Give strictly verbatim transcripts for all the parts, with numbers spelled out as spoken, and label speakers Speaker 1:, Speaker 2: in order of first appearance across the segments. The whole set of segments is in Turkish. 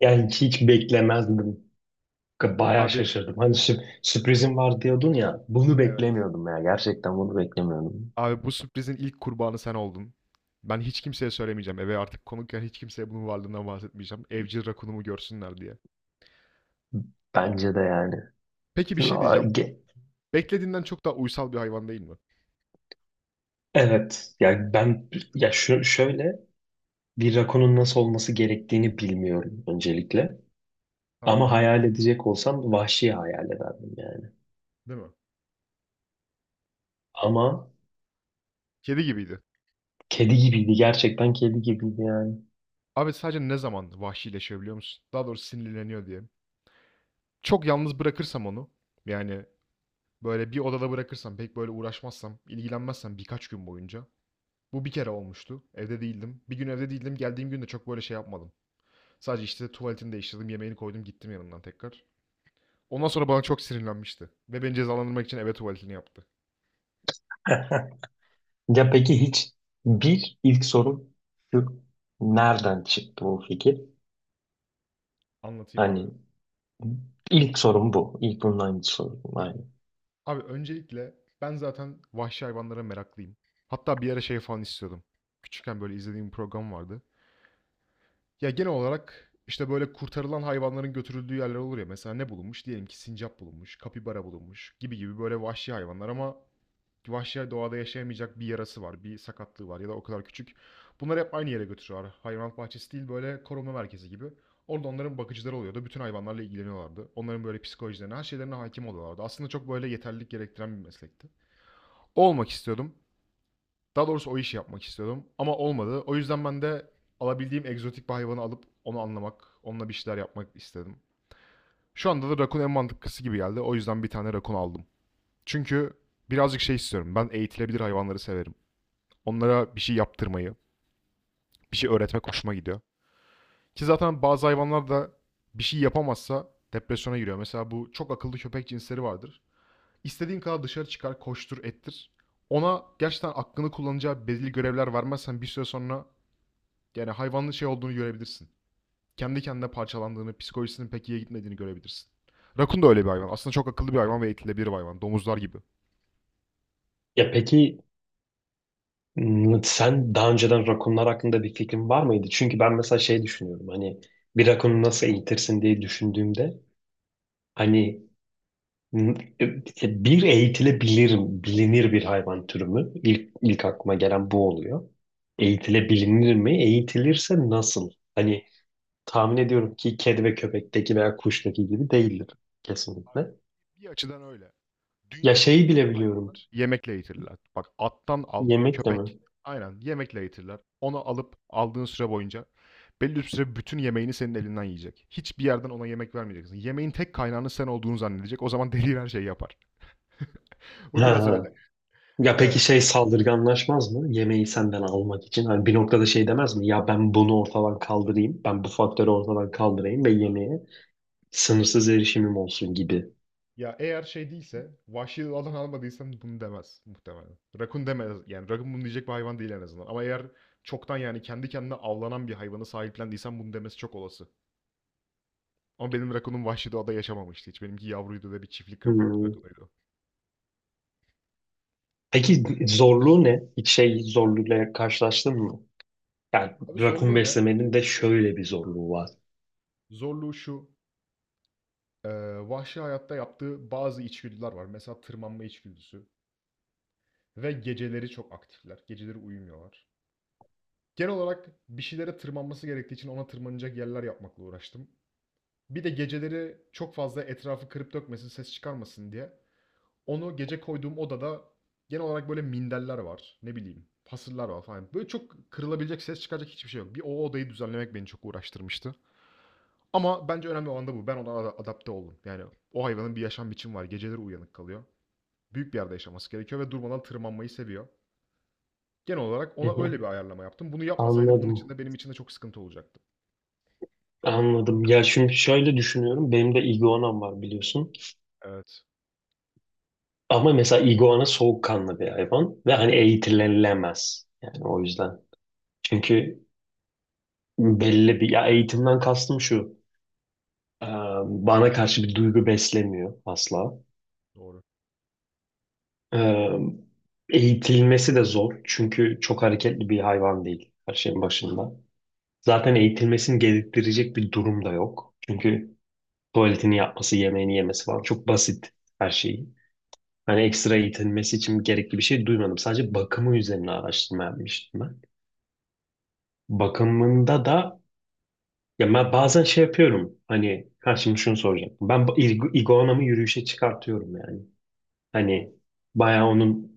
Speaker 1: Yani hiç, hiç beklemezdim. Bayağı
Speaker 2: Abi.
Speaker 1: şaşırdım. Hani sü- sürprizim var diyordun ya. Bunu
Speaker 2: Evet.
Speaker 1: beklemiyordum ya. Gerçekten bunu beklemiyordum.
Speaker 2: abi bu sürprizin ilk kurbanı sen oldun. Ben hiç kimseye söylemeyeceğim. Eve artık konukken hiç kimseye bunun varlığından bahsetmeyeceğim. Evcil rakunumu görsünler diye.
Speaker 1: Bence de yani.
Speaker 2: Peki bir şey
Speaker 1: Aa,
Speaker 2: diyeceğim.
Speaker 1: ge-
Speaker 2: Beklediğinden çok daha uysal bir hayvan değil mi?
Speaker 1: Evet. Yani ben ya şö- şöyle bir rakonun nasıl olması gerektiğini bilmiyorum öncelikle. Ama
Speaker 2: Tamam.
Speaker 1: hayal edecek olsam vahşi hayal ederdim yani.
Speaker 2: Değil mi?
Speaker 1: Ama
Speaker 2: Kedi gibiydi.
Speaker 1: kedi gibiydi. Gerçekten kedi gibiydi yani.
Speaker 2: Abi sadece ne zaman vahşileşiyor biliyor musun? Daha doğrusu sinirleniyor diye. Çok yalnız bırakırsam onu, yani böyle bir odada bırakırsam, pek böyle uğraşmazsam, ilgilenmezsem birkaç gün boyunca. Bu bir kere olmuştu. Evde değildim. Bir gün evde değildim. Geldiğim gün de çok böyle şey yapmadım. Sadece işte tuvaletini değiştirdim, yemeğini koydum, gittim yanından tekrar. Ondan sonra bana çok sinirlenmişti. Ve beni cezalandırmak için eve tuvaletini yaptı.
Speaker 1: Ya peki hiç bir ilk soru şu Nereden çıktı bu fikir?
Speaker 2: Anlatayım abi.
Speaker 1: Hani İlk sorum bu. İlk bunun aynı Aynen.
Speaker 2: Abi öncelikle ben zaten vahşi hayvanlara meraklıyım. Hatta bir ara şey falan istiyordum. Küçükken böyle izlediğim bir program vardı. Ya genel olarak işte böyle kurtarılan hayvanların götürüldüğü yerler olur ya. Mesela ne bulunmuş? Diyelim ki sincap bulunmuş, kapibara bulunmuş gibi gibi böyle vahşi hayvanlar ama vahşi doğada yaşayamayacak bir yarası var, bir sakatlığı var ya da o kadar küçük. Bunları hep aynı yere götürüyorlar. Hayvanat bahçesi değil böyle koruma merkezi gibi. Orada onların bakıcıları oluyordu. Bütün hayvanlarla ilgileniyorlardı. Onların böyle psikolojilerine, her şeylerine hakim oluyorlardı. Aslında çok böyle yeterlilik gerektiren bir meslekti. O olmak istiyordum. Daha doğrusu o işi yapmak istiyordum. Ama olmadı. O yüzden ben de alabildiğim egzotik bir hayvanı alıp onu anlamak, onunla bir şeyler yapmak istedim. Şu anda da rakun en mantıklısı gibi geldi. O yüzden bir tane rakun aldım. Çünkü birazcık şey istiyorum. Ben eğitilebilir hayvanları severim. Onlara bir şey yaptırmayı, bir şey öğretmek hoşuma gidiyor. Ki zaten bazı hayvanlar da bir şey yapamazsa depresyona giriyor. Mesela bu çok akıllı köpek cinsleri vardır. İstediğin kadar dışarı çıkar, koştur, ettir. Ona gerçekten aklını kullanacağı belirli görevler vermezsen bir süre sonra yani hayvanın şey olduğunu görebilirsin. Kendi kendine parçalandığını, psikolojisinin pek iyiye gitmediğini görebilirsin. Rakun da öyle bir hayvan. Aslında çok akıllı bir hayvan ve eğitilebilir bir hayvan. Domuzlar gibi.
Speaker 1: Ya peki m, sen daha önceden rakunlar hakkında bir fikrin var mıydı? Çünkü ben mesela şey düşünüyorum hani bir rakunu nasıl eğitirsin diye düşündüğümde hani m, e, bir eğitilebilir, bilinir bir hayvan türü mü? İlk, ilk aklıma gelen bu oluyor. Eğitilebilir mi? Eğitilirse nasıl? Hani tahmin ediyorum ki kedi ve köpekteki veya kuştaki gibi değildir
Speaker 2: Abi.
Speaker 1: kesinlikle.
Speaker 2: Bir açıdan öyle.
Speaker 1: Ya
Speaker 2: Dünyadaki
Speaker 1: şeyi bile biliyorum.
Speaker 2: hayvanlar yemekle eğitirler. Bak attan al,
Speaker 1: Yemekle mi?
Speaker 2: köpek. Aynen yemekle eğitirler. Onu alıp aldığın süre boyunca belli bir süre bütün yemeğini senin elinden yiyecek. Hiçbir yerden ona yemek vermeyeceksin. Yemeğin tek kaynağının sen olduğunu zannedecek. O zaman deli her şeyi yapar. Bu biraz öyle.
Speaker 1: Ya peki
Speaker 2: Evet.
Speaker 1: şey saldırganlaşmaz mı? Yemeği senden almak için. Hani bir noktada şey demez mi? Ya ben bunu ortadan kaldırayım. Ben bu faktörü ortadan kaldırayım ve yemeğe sınırsız erişimim olsun gibi.
Speaker 2: Ya eğer şey değilse, vahşi alan almadıysan bunu demez muhtemelen. Rakun demez. Yani rakun bunu diyecek bir hayvan değil en azından. Ama eğer çoktan yani kendi kendine avlanan bir hayvanı sahiplendiysen bunu demesi çok olası. Ama benim rakunum vahşi doğada yaşamamıştı hiç. Benimki yavruydu ve bir çiftlik rakunu-
Speaker 1: Hmm.
Speaker 2: rakunuydu.
Speaker 1: Peki zorluğu ne? Hiç şey zorluğuyla karşılaştın mı? Yani
Speaker 2: Abi
Speaker 1: rakun
Speaker 2: zorluğu ne?
Speaker 1: beslemenin de şöyle bir zorluğu var.
Speaker 2: Zorluğu şu. e, Vahşi hayatta yaptığı bazı içgüdüler var. Mesela tırmanma içgüdüsü. Ve geceleri çok aktifler. Geceleri uyumuyorlar. Genel olarak bir şeylere tırmanması gerektiği için ona tırmanacak yerler yapmakla uğraştım. Bir de geceleri çok fazla etrafı kırıp dökmesin, ses çıkarmasın diye onu gece koyduğum odada genel olarak böyle minderler var. Ne bileyim fasıller var falan. Böyle çok kırılabilecek, ses çıkacak hiçbir şey yok. Bir o odayı düzenlemek beni çok uğraştırmıştı. Ama bence önemli olan da bu. Ben ona adapte oldum. Yani o hayvanın bir yaşam biçimi var. Geceleri uyanık kalıyor. Büyük bir yerde yaşaması gerekiyor ve durmadan tırmanmayı seviyor. Genel olarak
Speaker 1: Hı
Speaker 2: ona öyle
Speaker 1: hı.
Speaker 2: bir ayarlama yaptım. Bunu yapmasaydım onun için
Speaker 1: Anladım.
Speaker 2: de benim için de çok sıkıntı olacaktı.
Speaker 1: Anladım. Ya şimdi şöyle düşünüyorum. Benim de iguanam var biliyorsun.
Speaker 2: Evet.
Speaker 1: Ama mesela iguana soğukkanlı bir hayvan ve hani eğitilemez. Yani o yüzden. Çünkü belli bir ya eğitimden kastım şu. e, Bana karşı bir duygu beslemiyor asla.
Speaker 2: Doğru.
Speaker 1: E, Eğitilmesi de zor. Çünkü çok hareketli bir hayvan değil her şeyin başında. Zaten eğitilmesini gerektirecek bir durum da yok. Çünkü tuvaletini yapması, yemeğini yemesi falan çok basit her şey. Hani ekstra eğitilmesi için gerekli bir şey duymadım. Sadece bakımı üzerine araştırma yapmıştım ben. Bakımında da ya ben bazen şey yapıyorum. Hani ha şimdi şunu soracağım. Ben ba- ig- iguanamı yürüyüşe çıkartıyorum yani.
Speaker 2: Tamam.
Speaker 1: Hani bayağı onun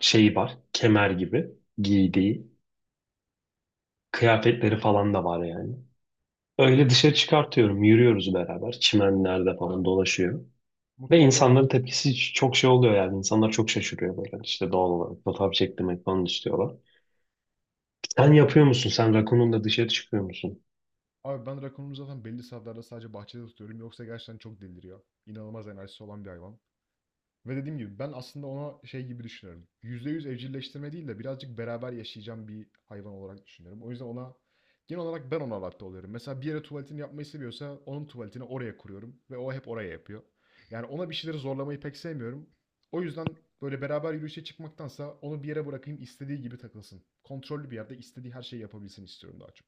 Speaker 1: şeyi var. Kemer gibi giydiği kıyafetleri falan da var yani. Öyle dışarı çıkartıyorum. Yürüyoruz beraber. Çimenlerde falan dolaşıyor. Ve
Speaker 2: Mutlu oluyor mu
Speaker 1: insanların
Speaker 2: sence?
Speaker 1: tepkisi çok şey oluyor yani. İnsanlar çok şaşırıyor böyle. İşte doğal olarak fotoğraf çektirmek falan istiyorlar. Sen yapıyor musun? Sen rakununla dışarı çıkıyor musun?
Speaker 2: Abi ben rakonumu zaten belli saatlerde sadece bahçede tutuyorum. Yoksa gerçekten çok deliriyor. İnanılmaz enerjisi olan bir hayvan. Ve dediğim gibi ben aslında ona şey gibi düşünüyorum. Yüzde yüz evcilleştirme değil de birazcık beraber yaşayacağım bir hayvan olarak düşünüyorum. O yüzden ona genel olarak ben ona adapte oluyorum. Mesela bir yere tuvaletini yapmayı seviyorsa onun tuvaletini oraya kuruyorum ve o hep oraya yapıyor. Yani ona bir şeyleri zorlamayı pek sevmiyorum. O yüzden böyle beraber yürüyüşe çıkmaktansa onu bir yere bırakayım istediği gibi takılsın. Kontrollü bir yerde istediği her şeyi yapabilsin istiyorum daha çok.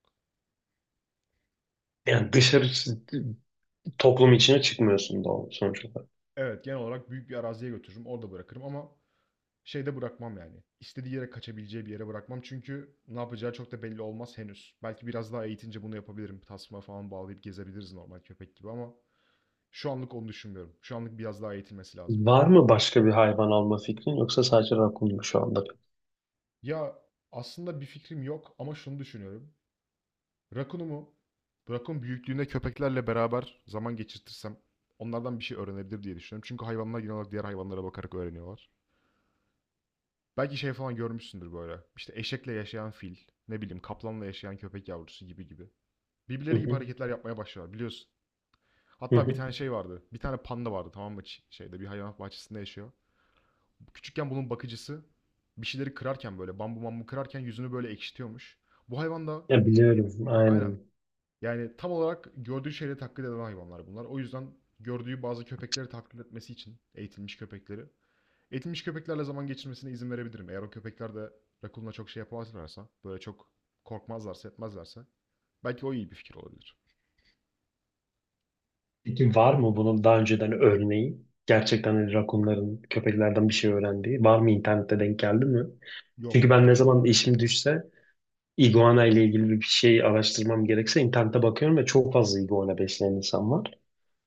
Speaker 1: Yani dışarı toplum içine çıkmıyorsun doğal sonuç olarak.
Speaker 2: Evet, genel olarak büyük bir araziye götürürüm orada bırakırım ama şeyde bırakmam yani. İstediği yere kaçabileceği bir yere bırakmam. Çünkü ne yapacağı çok da belli olmaz henüz. Belki biraz daha eğitince bunu yapabilirim. Tasma falan bağlayıp gezebiliriz normal köpek gibi ama şu anlık onu düşünmüyorum. Şu anlık biraz daha eğitilmesi lazım.
Speaker 1: Var mı başka bir hayvan alma fikrin yoksa sadece rakun mu şu anda?
Speaker 2: Ya aslında bir fikrim yok ama şunu düşünüyorum. Rakunumu Rakun büyüklüğünde köpeklerle beraber zaman geçirtirsem onlardan bir şey öğrenebilir diye düşünüyorum. Çünkü hayvanlar genel olarak diğer hayvanlara bakarak öğreniyorlar. Belki şey falan görmüşsündür böyle. İşte eşekle yaşayan fil, ne bileyim kaplanla yaşayan köpek yavrusu gibi gibi.
Speaker 1: Hı
Speaker 2: Birbirleri gibi
Speaker 1: hı,
Speaker 2: hareketler yapmaya başlıyorlar biliyorsun.
Speaker 1: hı
Speaker 2: Hatta bir
Speaker 1: hı.
Speaker 2: tane şey vardı. Bir tane panda vardı, tamam mı? Şeyde bir hayvanat bahçesinde yaşıyor. Küçükken bunun bakıcısı bir şeyleri kırarken böyle bambu bambu kırarken yüzünü böyle ekşitiyormuş. Bu hayvan da
Speaker 1: Ya biliyorum
Speaker 2: aynen
Speaker 1: aynen.
Speaker 2: yani tam olarak gördüğü şeyleri taklit eden hayvanlar bunlar. O yüzden gördüğü bazı köpekleri taklit etmesi için eğitilmiş köpekleri eğitilmiş köpeklerle zaman geçirmesine izin verebilirim. Eğer o köpekler de Rakun'la çok şey yapamazlarsa böyle çok korkmazlarsa etmezlerse belki o iyi bir fikir olabilir.
Speaker 1: Peki var mı bunun daha önceden örneği? Gerçekten hani rakunların köpeklerden bir şey öğrendiği. Var mı internette denk geldi mi?
Speaker 2: Yok.
Speaker 1: Çünkü ben ne zaman
Speaker 2: Rakun
Speaker 1: işim düşse iguana ile ilgili bir şey araştırmam gerekse internete bakıyorum ve çok fazla iguana besleyen insan var.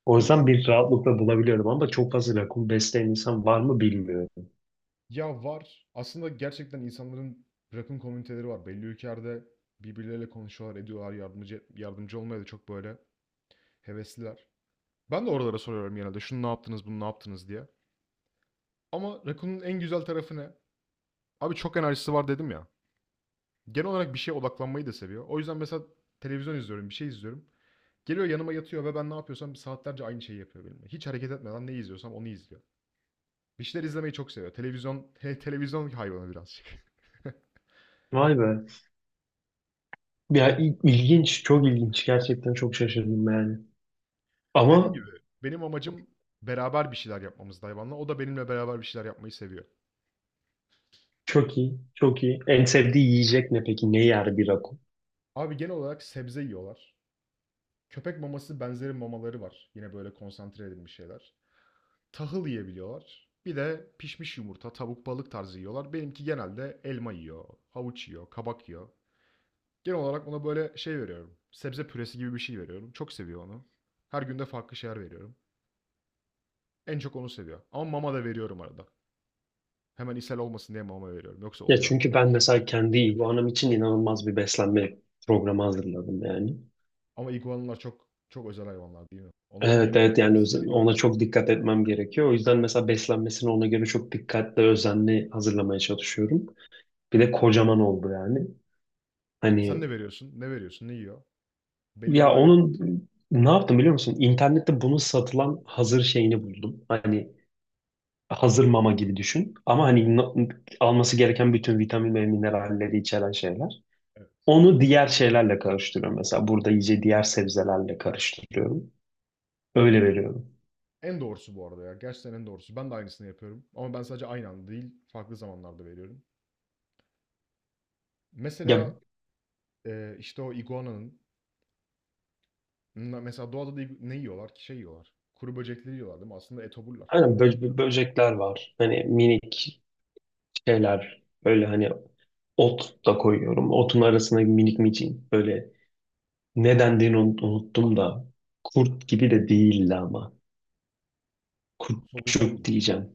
Speaker 1: O
Speaker 2: Değil mi?
Speaker 1: yüzden bir rahatlıkla bulabiliyorum ama çok fazla rakun besleyen insan var mı bilmiyorum.
Speaker 2: Ya var. Aslında gerçekten insanların rakım komüniteleri var. Belli ülkelerde birbirleriyle konuşuyorlar, ediyorlar, yardımcı yardımcı olmaya da çok böyle hevesliler. Ben de oralara soruyorum genelde. Şunu ne yaptınız, bunu ne yaptınız diye. Ama Rakun'un en güzel tarafı ne? Abi çok enerjisi var dedim ya. Genel olarak bir şeye odaklanmayı da seviyor. O yüzden mesela televizyon izliyorum, bir şey izliyorum. Geliyor yanıma yatıyor ve ben ne yapıyorsam saatlerce aynı şeyi yapıyor benimle. Hiç hareket etmeden ne izliyorsam onu izliyor. Bir şeyler izlemeyi çok seviyor. Televizyon, televizyon hayvanı birazcık.
Speaker 1: Vay be. Ya il- ilginç, çok ilginç. Gerçekten çok şaşırdım yani.
Speaker 2: Dediğim
Speaker 1: Ama
Speaker 2: gibi benim amacım beraber bir şeyler yapmamızdı hayvanla. O da benimle beraber bir şeyler yapmayı seviyor.
Speaker 1: çok iyi, çok iyi. En sevdiği yiyecek ne peki? Ne yer bir rakun?
Speaker 2: Abi genel olarak sebze yiyorlar. Köpek maması benzeri mamaları var. Yine böyle konsantre edilmiş şeyler. Tahıl yiyebiliyorlar. Bir de pişmiş yumurta, tavuk, balık tarzı yiyorlar. Benimki genelde elma yiyor, havuç yiyor, kabak yiyor. Genel olarak ona böyle şey veriyorum. Sebze püresi gibi bir şey veriyorum. Çok seviyor onu. Her günde farklı şeyler veriyorum. En çok onu seviyor. Ama mama da veriyorum arada. Hemen ishal olmasın diye mama veriyorum. Yoksa
Speaker 1: Ya
Speaker 2: oluyor.
Speaker 1: çünkü ben mesela kendi iguanam için inanılmaz bir beslenme programı hazırladım yani.
Speaker 2: Ama iguanalar çok çok özel hayvanlar değil mi? Onların
Speaker 1: Evet
Speaker 2: yeme-
Speaker 1: evet yani
Speaker 2: yemesi
Speaker 1: öz-
Speaker 2: gereken...
Speaker 1: ona çok dikkat etmem gerekiyor. O yüzden mesela beslenmesini ona göre çok dikkatli, özenli hazırlamaya çalışıyorum. Bir de kocaman oldu yani.
Speaker 2: Sen
Speaker 1: Hani
Speaker 2: ne veriyorsun? Ne veriyorsun? Ne yiyor? Belli
Speaker 1: Ya
Speaker 2: böyle...
Speaker 1: onun ne yaptım biliyor musun? İnternette bunun satılan hazır şeyini buldum. Hani hazır mama gibi düşün. Ama hani na- alması gereken bütün vitamin ve mineralleri içeren şeyler.
Speaker 2: Evet.
Speaker 1: Onu diğer şeylerle karıştırıyorum. Mesela burada iyice diğer sebzelerle karıştırıyorum. Öyle veriyorum.
Speaker 2: En doğrusu bu arada ya. Gerçekten en doğrusu. Ben de aynısını yapıyorum. Ama ben sadece aynı anda değil, farklı zamanlarda veriyorum.
Speaker 1: Ya
Speaker 2: Mesela e, işte o iguananın... Mesela doğada da igu- ne yiyorlar ki? Şey yiyorlar. Kuru böcekleri yiyorlar değil mi? Aslında etoburlar.
Speaker 1: hani bö- böcekler var. Hani minik şeyler. Böyle hani ot da koyuyorum. Otun arasına minik micin. Böyle ne dendiğini unut- unuttum da. Kurt gibi de değildi ama
Speaker 2: Solucan
Speaker 1: kurtçuk
Speaker 2: mı?
Speaker 1: diyeceğim.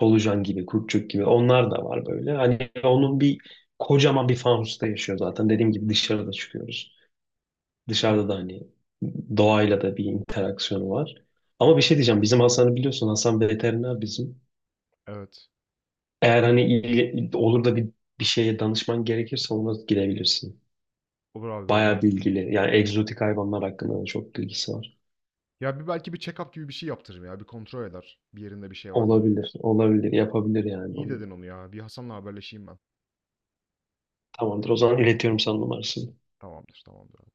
Speaker 1: Solucan gibi, kurtçuk gibi. Onlar da var böyle. Hani onun bir kocaman bir fanusta yaşıyor zaten. Dediğim gibi dışarıda çıkıyoruz. Dışarıda da
Speaker 2: Hmm,
Speaker 1: hani doğayla da bir interaksiyonu var. Ama bir şey diyeceğim. Bizim Hasan'ı biliyorsun. Hasan veteriner bizim.
Speaker 2: evet.
Speaker 1: Eğer hani iyi, olur da bir, bir şeye danışman gerekirse ona gidebilirsin.
Speaker 2: Olur abi vallahi
Speaker 1: Bayağı
Speaker 2: iyi fikir.
Speaker 1: bilgili. Yani egzotik hayvanlar hakkında da çok bilgisi var.
Speaker 2: Ya bir belki bir check-up gibi bir şey yaptırırım ya. Bir kontrol eder. Bir yerinde bir şey var mı?
Speaker 1: Olabilir. Olabilir. Yapabilir yani
Speaker 2: İyi
Speaker 1: onu.
Speaker 2: dedin onu ya. Bir Hasan'la haberleşeyim ben.
Speaker 1: Tamamdır. O zaman iletiyorum sana numarasını.
Speaker 2: Tamamdır, tamamdır.